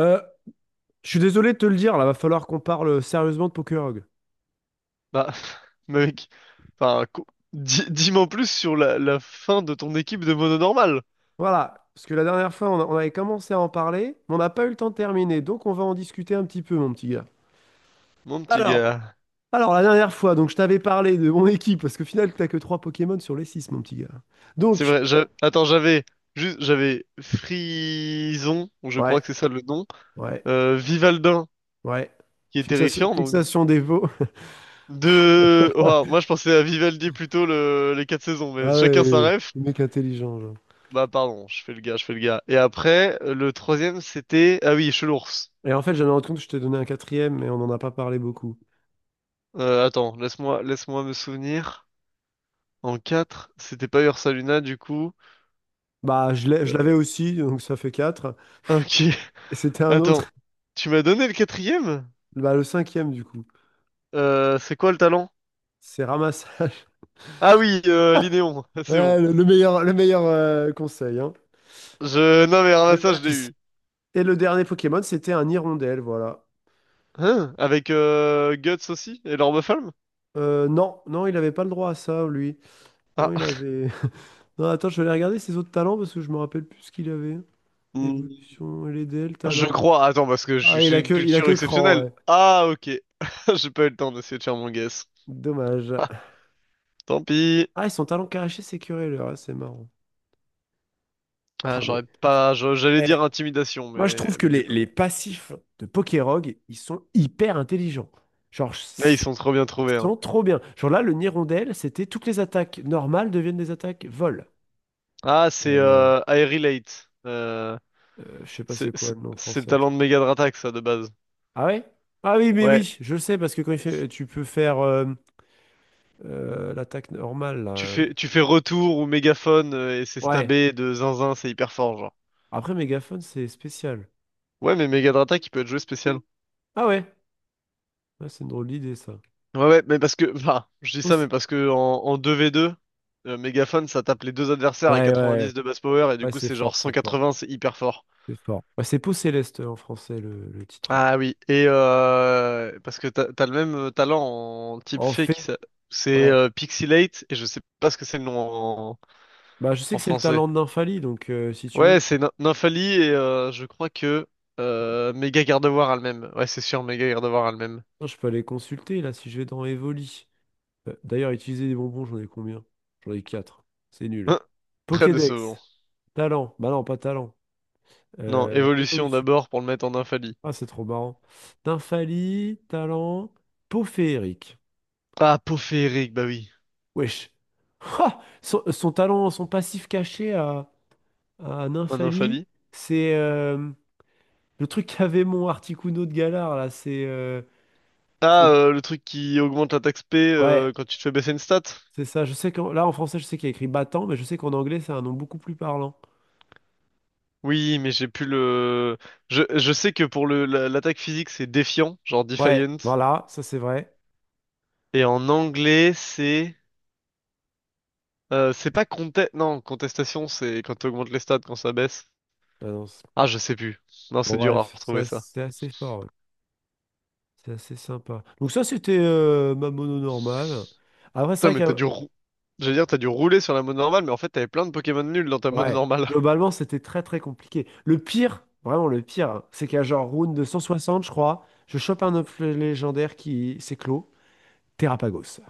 Euh, je suis désolé de te le dire, là, va falloir qu'on parle sérieusement de Pokerog. Bah, mec, enfin, dis-moi en plus sur la fin de ton équipe de mono normal, Voilà, parce que la dernière fois, on, on avait commencé à en parler, mais on n'a pas eu le temps de terminer, donc on va en discuter un petit peu, mon petit gars. mon petit Alors, gars. alors, la dernière fois, donc je t'avais parlé de mon équipe, parce qu'au final, t'as que 3 Pokémon sur les six, mon petit gars. C'est Donc, vrai, attends, j'avais Frison, je crois ouais, que c'est ça le nom, ouais, Vivaldin, ouais. qui est Fixation, terrifiant, donc fixation des veaux. de... Ouah, moi je pensais à Vivaldi, plutôt les quatre saisons, mais Ah chacun sa ouais, ref. le mec intelligent, genre. Bah pardon, je fais le gars, je fais le gars. Et après, le troisième c'était... Ah oui, Chelours. Et en fait, j'avais rendu compte que je t'ai donné un quatrième, mais on n'en a pas parlé beaucoup. Attends, laisse-moi me souvenir. En 4, c'était pas Ursa Luna, du coup. Bah, je l'avais Euh, aussi, donc ça fait 4. Ok, Et c'était un attends. autre. Tu m'as donné le quatrième? Bah, le cinquième, du coup, C'est quoi le talent? c'est ramassage. Ah oui, Linéon, c'est bon. Ouais, le meilleur conseil, hein. Non, mais alors là, ça, Meilleur je l'ai indice. eu. Et le dernier Pokémon, c'était un hirondelle, voilà. Hein? Avec Guts aussi? Et l'Orbe-Flamme? Non, non, il avait pas le droit à ça, lui. Ah, Non, il avait. Non, attends, je vais aller regarder ses autres talents parce que je me rappelle plus ce qu'il avait. hmm, Évolution, LDL, je talent. crois. Attends, parce que j'ai Ah, j'ai une il a culture que cran, exceptionnelle. ouais. Ah, ok. J'ai pas eu le temps d'essayer de faire mon guess. Dommage. Ah, tant pis. Ah, et son talent caché, c'est Curéleur, hein, c'est marrant. Ah, Ah, mais. j'aurais pas... j'allais dire Eh, intimidation, moi, je mais... trouve que mais du coup... non. les passifs de Pokérog, ils sont hyper intelligents. Genre, je- Là, ils sont trop bien trouvés, Ils hein. sont trop bien. Genre là, le Nirondelle, c'était toutes les attaques normales deviennent des attaques vol. Ah, c'est Euh, I Relate. Je sais pas c'est quoi le nom C'est le français. talent Attends. de Megadratax, ça, de base. Ah ouais? Ah oui, mais Ouais, oui, je le sais parce que quand il fait, tu peux faire l'attaque normale tu là. fais, tu fais retour ou mégaphone et c'est Ouais. stabé de zinzin, c'est hyper fort, genre. Après, mégaphone, c'est spécial. Ouais, mais Megadratax, il peut être joué spécial. Ah ouais? Ah, c'est une drôle d'idée ça. Ouais, ouais, mais parce que, bah, je dis ça, mais Pouce- parce que en 2v2, mégaphone, ça tape les deux adversaires à Ouais, ouais, ouais, 90 de base power et du ouais, coup, c'est c'est fort, genre c'est fort, 180, c'est hyper fort. c'est fort. Ouais, c'est Peau Céleste en français le titre. Hein. Ah oui, et parce que t'as le même talent en type En fée, fait, c'est ouais. Pixelate, et je sais pas ce que c'est le nom en, Bah, je sais que c'est le français. talent de Nymphalie, donc si tu veux, Ouais, c'est Nymphalie, et je crois que Méga Gardevoir a le même. Ouais, c'est sûr, Méga Gardevoir a le même. non, je peux aller consulter là si je vais dans Evoli. D'ailleurs, utiliser des bonbons, j'en ai combien? J'en ai 4. C'est nul. Hein, très décevant. Pokédex. Talent. Bah non, pas talent. Non, évolution Évolution. d'abord pour le mettre en Nymphalie. Ah, c'est trop marrant. Dynfalie, talent. Peau féerique. Ah, peau féerique, bah oui. Wesh. Ha son, son talent, son passif caché à En Nymphalie, Nymphalie. c'est le truc qu'avait mon Articuno de Galar là. C'est. Ah, c'est- le truc qui augmente l'attaque spé ouais, quand tu te fais baisser une stat. c'est ça. Je sais que là en français, je sais qu'il y a écrit battant, mais je sais qu'en anglais, c'est un nom beaucoup plus parlant. Oui, mais j'ai plus le... Je sais que pour l'attaque physique, c'est défiant, genre Ouais, Defiant. voilà, ça c'est vrai. Et en anglais, c'est pas contest... Non, contestation, c'est quand tu augmentes les stats, quand ça baisse. Ah non, c'est- Ah, je sais plus. Non, bon, c'est dur à bref, retrouver, ça. c'est assez, fort, ouais. C'est assez sympa. Donc ça, c'était ma mono normale. Après, c'est Putain, vrai mais t'as dû que, rou... J'allais dire, t'as dû rouler sur la mode normale, mais en fait, t'avais plein de Pokémon nuls dans ta mode ouais, normale. globalement, c'était très très compliqué. Le pire, vraiment le pire, hein, c'est qu'à genre round de 160, je crois, je chope un œuf légendaire qui s'éclot, Terrapagos.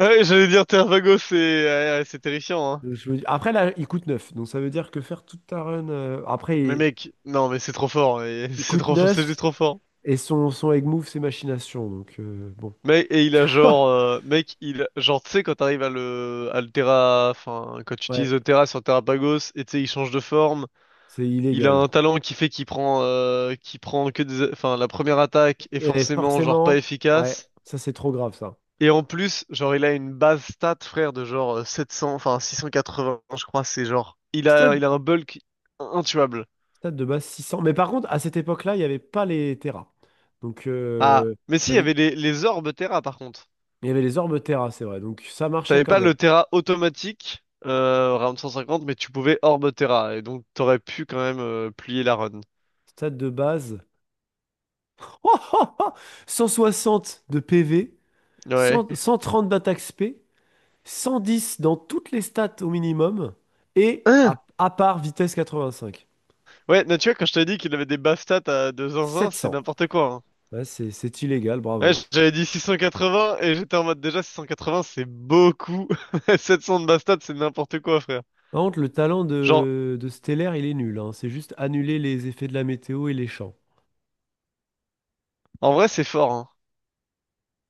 Ouais, j'allais dire Tervago, c'est ouais, ouais, c'est terrifiant, hein. Donc, je me dis- Après, là, il coûte 9. Donc ça veut dire que faire toute ta run. Après, Mais mec, non, mais c'est trop fort, et il c'est coûte trop fort, c'est 9 juste trop fort. et son, son egg move, c'est machination, donc bon. Mec, et il a genre, mec, il, genre, tu sais, quand t'arrives à le, Terra, enfin, quand tu utilises Ouais, le Terra sur Terrapagos, et tu sais, il change de forme, c'est il a illégal. un talent qui fait qu'il prend, que des, enfin, la première attaque est Et forcément, genre, pas forcément, ouais, efficace. ça c'est trop grave ça. Et en plus, genre, il a une base stat, frère, de genre 700, enfin 680, je crois, c'est genre. Il a, Stade, il a un bulk intuable. Stade de base 600. Mais par contre, à cette époque-là, il n'y avait pas les terras. Donc, Ah, mais si, ça il y veut- avait les, orbes Terra, par contre. il y avait les orbes terras, c'est vrai. Donc, ça marchait T'avais quand pas même. le Terra automatique, round 150, mais tu pouvais orbe Terra, et donc t'aurais pu quand même plier la run. Stade de base. 160 de PV, Ouais. 100 130 d'attaque spé, 110 dans toutes les stats au minimum, et Hein, à part vitesse 85. ouais, mais tu vois, quand je t'ai dit qu'il avait des bases stats à 2 zinzin, c'est 700. n'importe quoi, hein. Ouais, c'est illégal, Ouais, bravo. j'avais dit 680 et j'étais en mode déjà 680 c'est beaucoup. 700 de base stats, c'est n'importe quoi, frère. Par contre, le talent Genre, de Stellaire, il est nul, hein. C'est juste annuler les effets de la météo et les champs. en vrai, c'est fort, hein.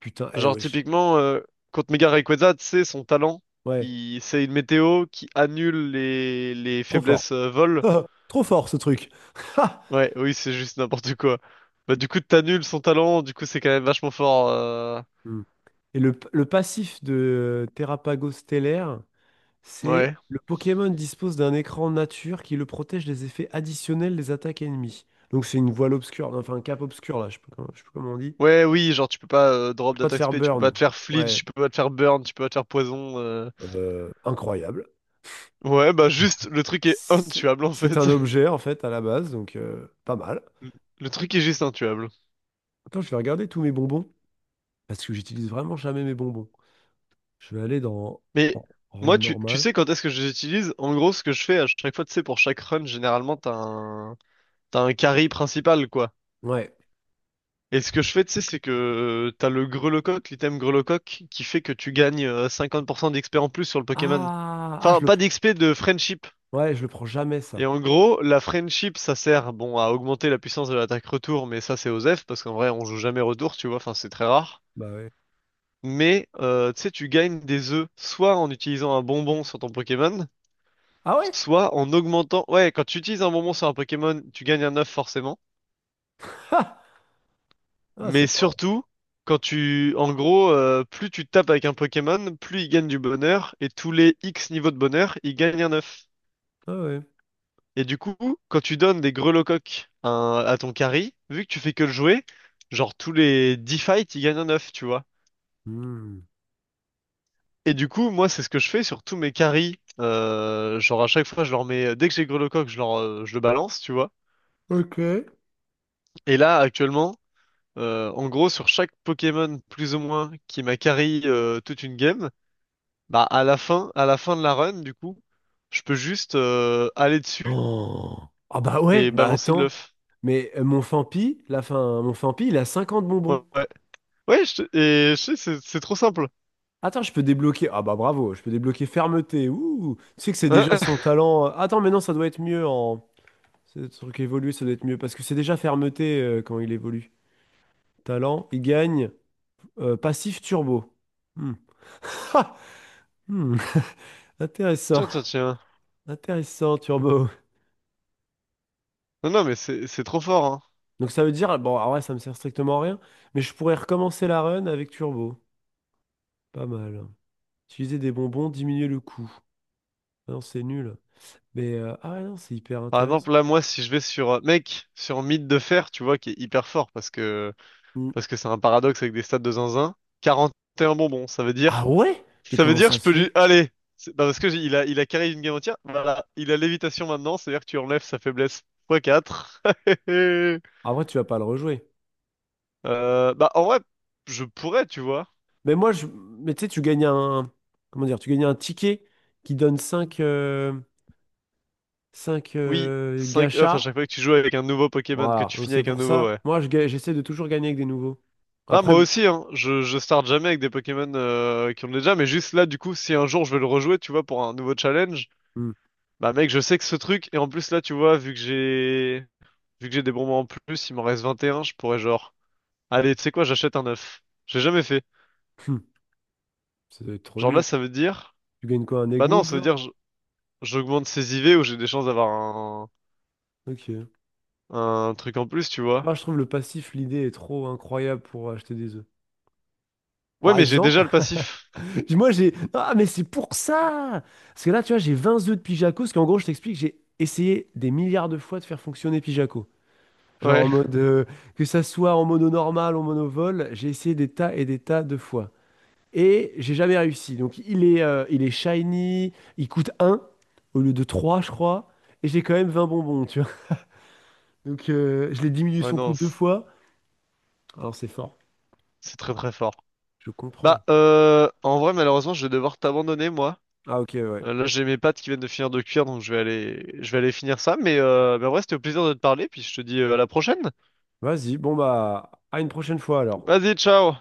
Putain, eh Genre, wesh. typiquement, contre Mega Rayquaza, tu sais, son talent, Ouais, il... c'est une météo qui annule les, trop fort. faiblesses vol. Trop fort ce truc. Ha Ouais, oui, c'est juste n'importe quoi. Bah, du coup, t'annules son talent, du coup, c'est quand même vachement fort. Hmm. Et le passif de Terrapago Stellaire, c'est Ouais. le Pokémon dispose d'un écran nature qui le protège des effets additionnels des attaques ennemies. Donc c'est une voile obscure, enfin un cap obscur là, je sais pas comment, je sais pas comment on dit. Ouais, oui, genre, tu peux pas Je peux drop pas te d'attaque faire spé, tu peux pas burn. te faire flinch, Ouais, tu peux pas te faire burn, tu peux pas te faire poison. Incroyable. Ouais, bah, juste, le truc est c'est intuable, en c'est un fait. objet en fait à la base, donc pas mal. Le truc est juste intuable. Attends, je vais regarder tous mes bonbons parce que j'utilise vraiment jamais mes bonbons. Je vais aller dans Mais en, en moi, tu normal. sais quand est-ce que je les utilise? En gros, ce que je fais à chaque fois, tu sais, pour chaque run, généralement, t'as un carry principal, quoi. Ouais. Et ce que je fais, tu sais, c'est que t'as le grelocoq, l'item grelocoq, qui fait que tu gagnes 50% d'XP en plus sur le Pokémon. Ah, ah, Enfin, je le pas prends. d'XP, de friendship. Ouais, je le prends jamais ça. Et en gros, la friendship, ça sert, bon, à augmenter la puissance de l'attaque retour, mais ça, c'est aux F, parce qu'en vrai, on joue jamais retour, tu vois, enfin, c'est très rare. Bah ouais. Mais, tu sais, tu gagnes des œufs, soit en utilisant un bonbon sur ton Pokémon, Ah ouais? soit en augmentant... Ouais, quand tu utilises un bonbon sur un Pokémon, tu gagnes un œuf forcément. Ah, ah, Mais c'est marrant. surtout, quand tu... En gros, plus tu tapes avec un Pokémon, plus il gagne du bonheur. Et tous les X niveaux de bonheur, il gagne un œuf. Ah ouais. Et du coup, quand tu donnes des grelocoques à, un- à ton carry, vu que tu fais que le jouer, genre tous les 10 fights, il gagne un œuf, tu vois. Hmm. Et du coup, moi, c'est ce que je fais sur tous mes carries. Genre, à chaque fois, je leur mets... Dès que j'ai grelocoque, je leur... je le balance, tu vois. Ok. Et là, actuellement... en gros, sur chaque Pokémon plus ou moins qui m'a carry toute une game, bah à la fin de la run, du coup, je peux juste aller dessus Oh. Ah bah ouais, et bah balancer de attends. l'œuf. Mais mon Fampi, la fin, mon Fampi, il a 50 Ouais, bonbons. ouais, ouais, et je sais, c'est trop simple. Attends, je peux débloquer. Ah bah bravo, je peux débloquer fermeté. Ouh, tu sais que c'est déjà Hein. son talent. Attends, mais non, ça doit être mieux en. Ce truc évoluer, ça doit être mieux. Parce que c'est déjà fermeté quand il évolue. Talent, il gagne. Passif turbo. Hmm. Hmm. Intéressant. Tiens, tiens, tiens. Intéressant, turbo. Non, non, mais c'est trop fort, hein. Donc ça veut dire, bon, ah ouais, ça me sert strictement à rien, mais je pourrais recommencer la run avec turbo. Pas mal. Utiliser des bonbons, diminuer le coût. Ah non, c'est nul. Mais, ah ouais, non, c'est hyper Par intéressant. exemple, là, moi, si je vais sur, mec, sur Mythe de Fer, tu vois, qui est hyper fort Hmm. parce que c'est un paradoxe avec des stats de zinzin, 41 bonbons, ça veut Ah dire ouais? Mais comment ça je se peux fait? lui... Allez! Non, parce que il a carré une game entière. Voilà, il a lévitation maintenant, c'est-à-dire que tu enlèves sa faiblesse x quatre. Ah ouais, tu vas pas le rejouer. Bah en vrai, je pourrais, tu vois. Mais moi, je... mais tu sais, tu gagnes un... Comment dire? Tu gagnes un ticket qui donne cinq 5 Oui, cinq off à gachas. chaque fois que tu joues avec un nouveau Pokémon, que Voilà. tu Donc finis c'est avec un pour nouveau, ça. ouais. Moi, j'essaie de toujours gagner avec des nouveaux. Bah Après, moi bon, aussi, hein, je starte jamais avec des Pokémon qui ont déjà, mais juste là, du coup, si un jour je veux le rejouer, tu vois, pour un nouveau challenge, hmm, bah mec, je sais que ce truc, et en plus là, tu vois, vu que j'ai... Vu que j'ai des bonbons en plus, il m'en reste 21. Je pourrais genre... Allez, tu sais quoi, j'achète un œuf. J'ai jamais fait. hmm, ça doit être trop Genre là, nul. ça veut dire... Tu gagnes quoi? Un egg Bah non, move, ça veut genre? dire j'augmente ses IV ou j'ai des chances d'avoir Ok. un truc en plus, tu vois. Moi, je trouve le passif, l'idée est trop incroyable pour acheter des œufs. Ouais, Par mais j'ai déjà exemple, le passif. moi j'ai... Ah, mais c'est pour ça! Parce que là, tu vois, j'ai 20 œufs de Pijaco, parce qu'en gros, je t'explique, j'ai essayé des milliards de fois de faire fonctionner Pijaco. Genre en Ouais. mode, que ça soit en mono normal, en monovol, j'ai essayé des tas et des tas de fois. Et j'ai jamais réussi. Donc il est shiny, il coûte un au lieu de 3, je crois. Et j'ai quand même 20 bonbons, tu vois. Donc je l'ai diminué Ouais, son coût non, deux fois. Alors c'est fort. c'est très très fort. Je comprends. Bah, en vrai, malheureusement, je vais devoir t'abandonner, moi. Ah ok, ouais. Là, j'ai mes pâtes qui viennent de finir de cuire, donc je vais aller... Je vais aller finir ça. Mais en vrai, c'était au plaisir de te parler, puis je te dis à la prochaine. Vas-y, bon bah, à une prochaine fois alors. Vas-y, ciao!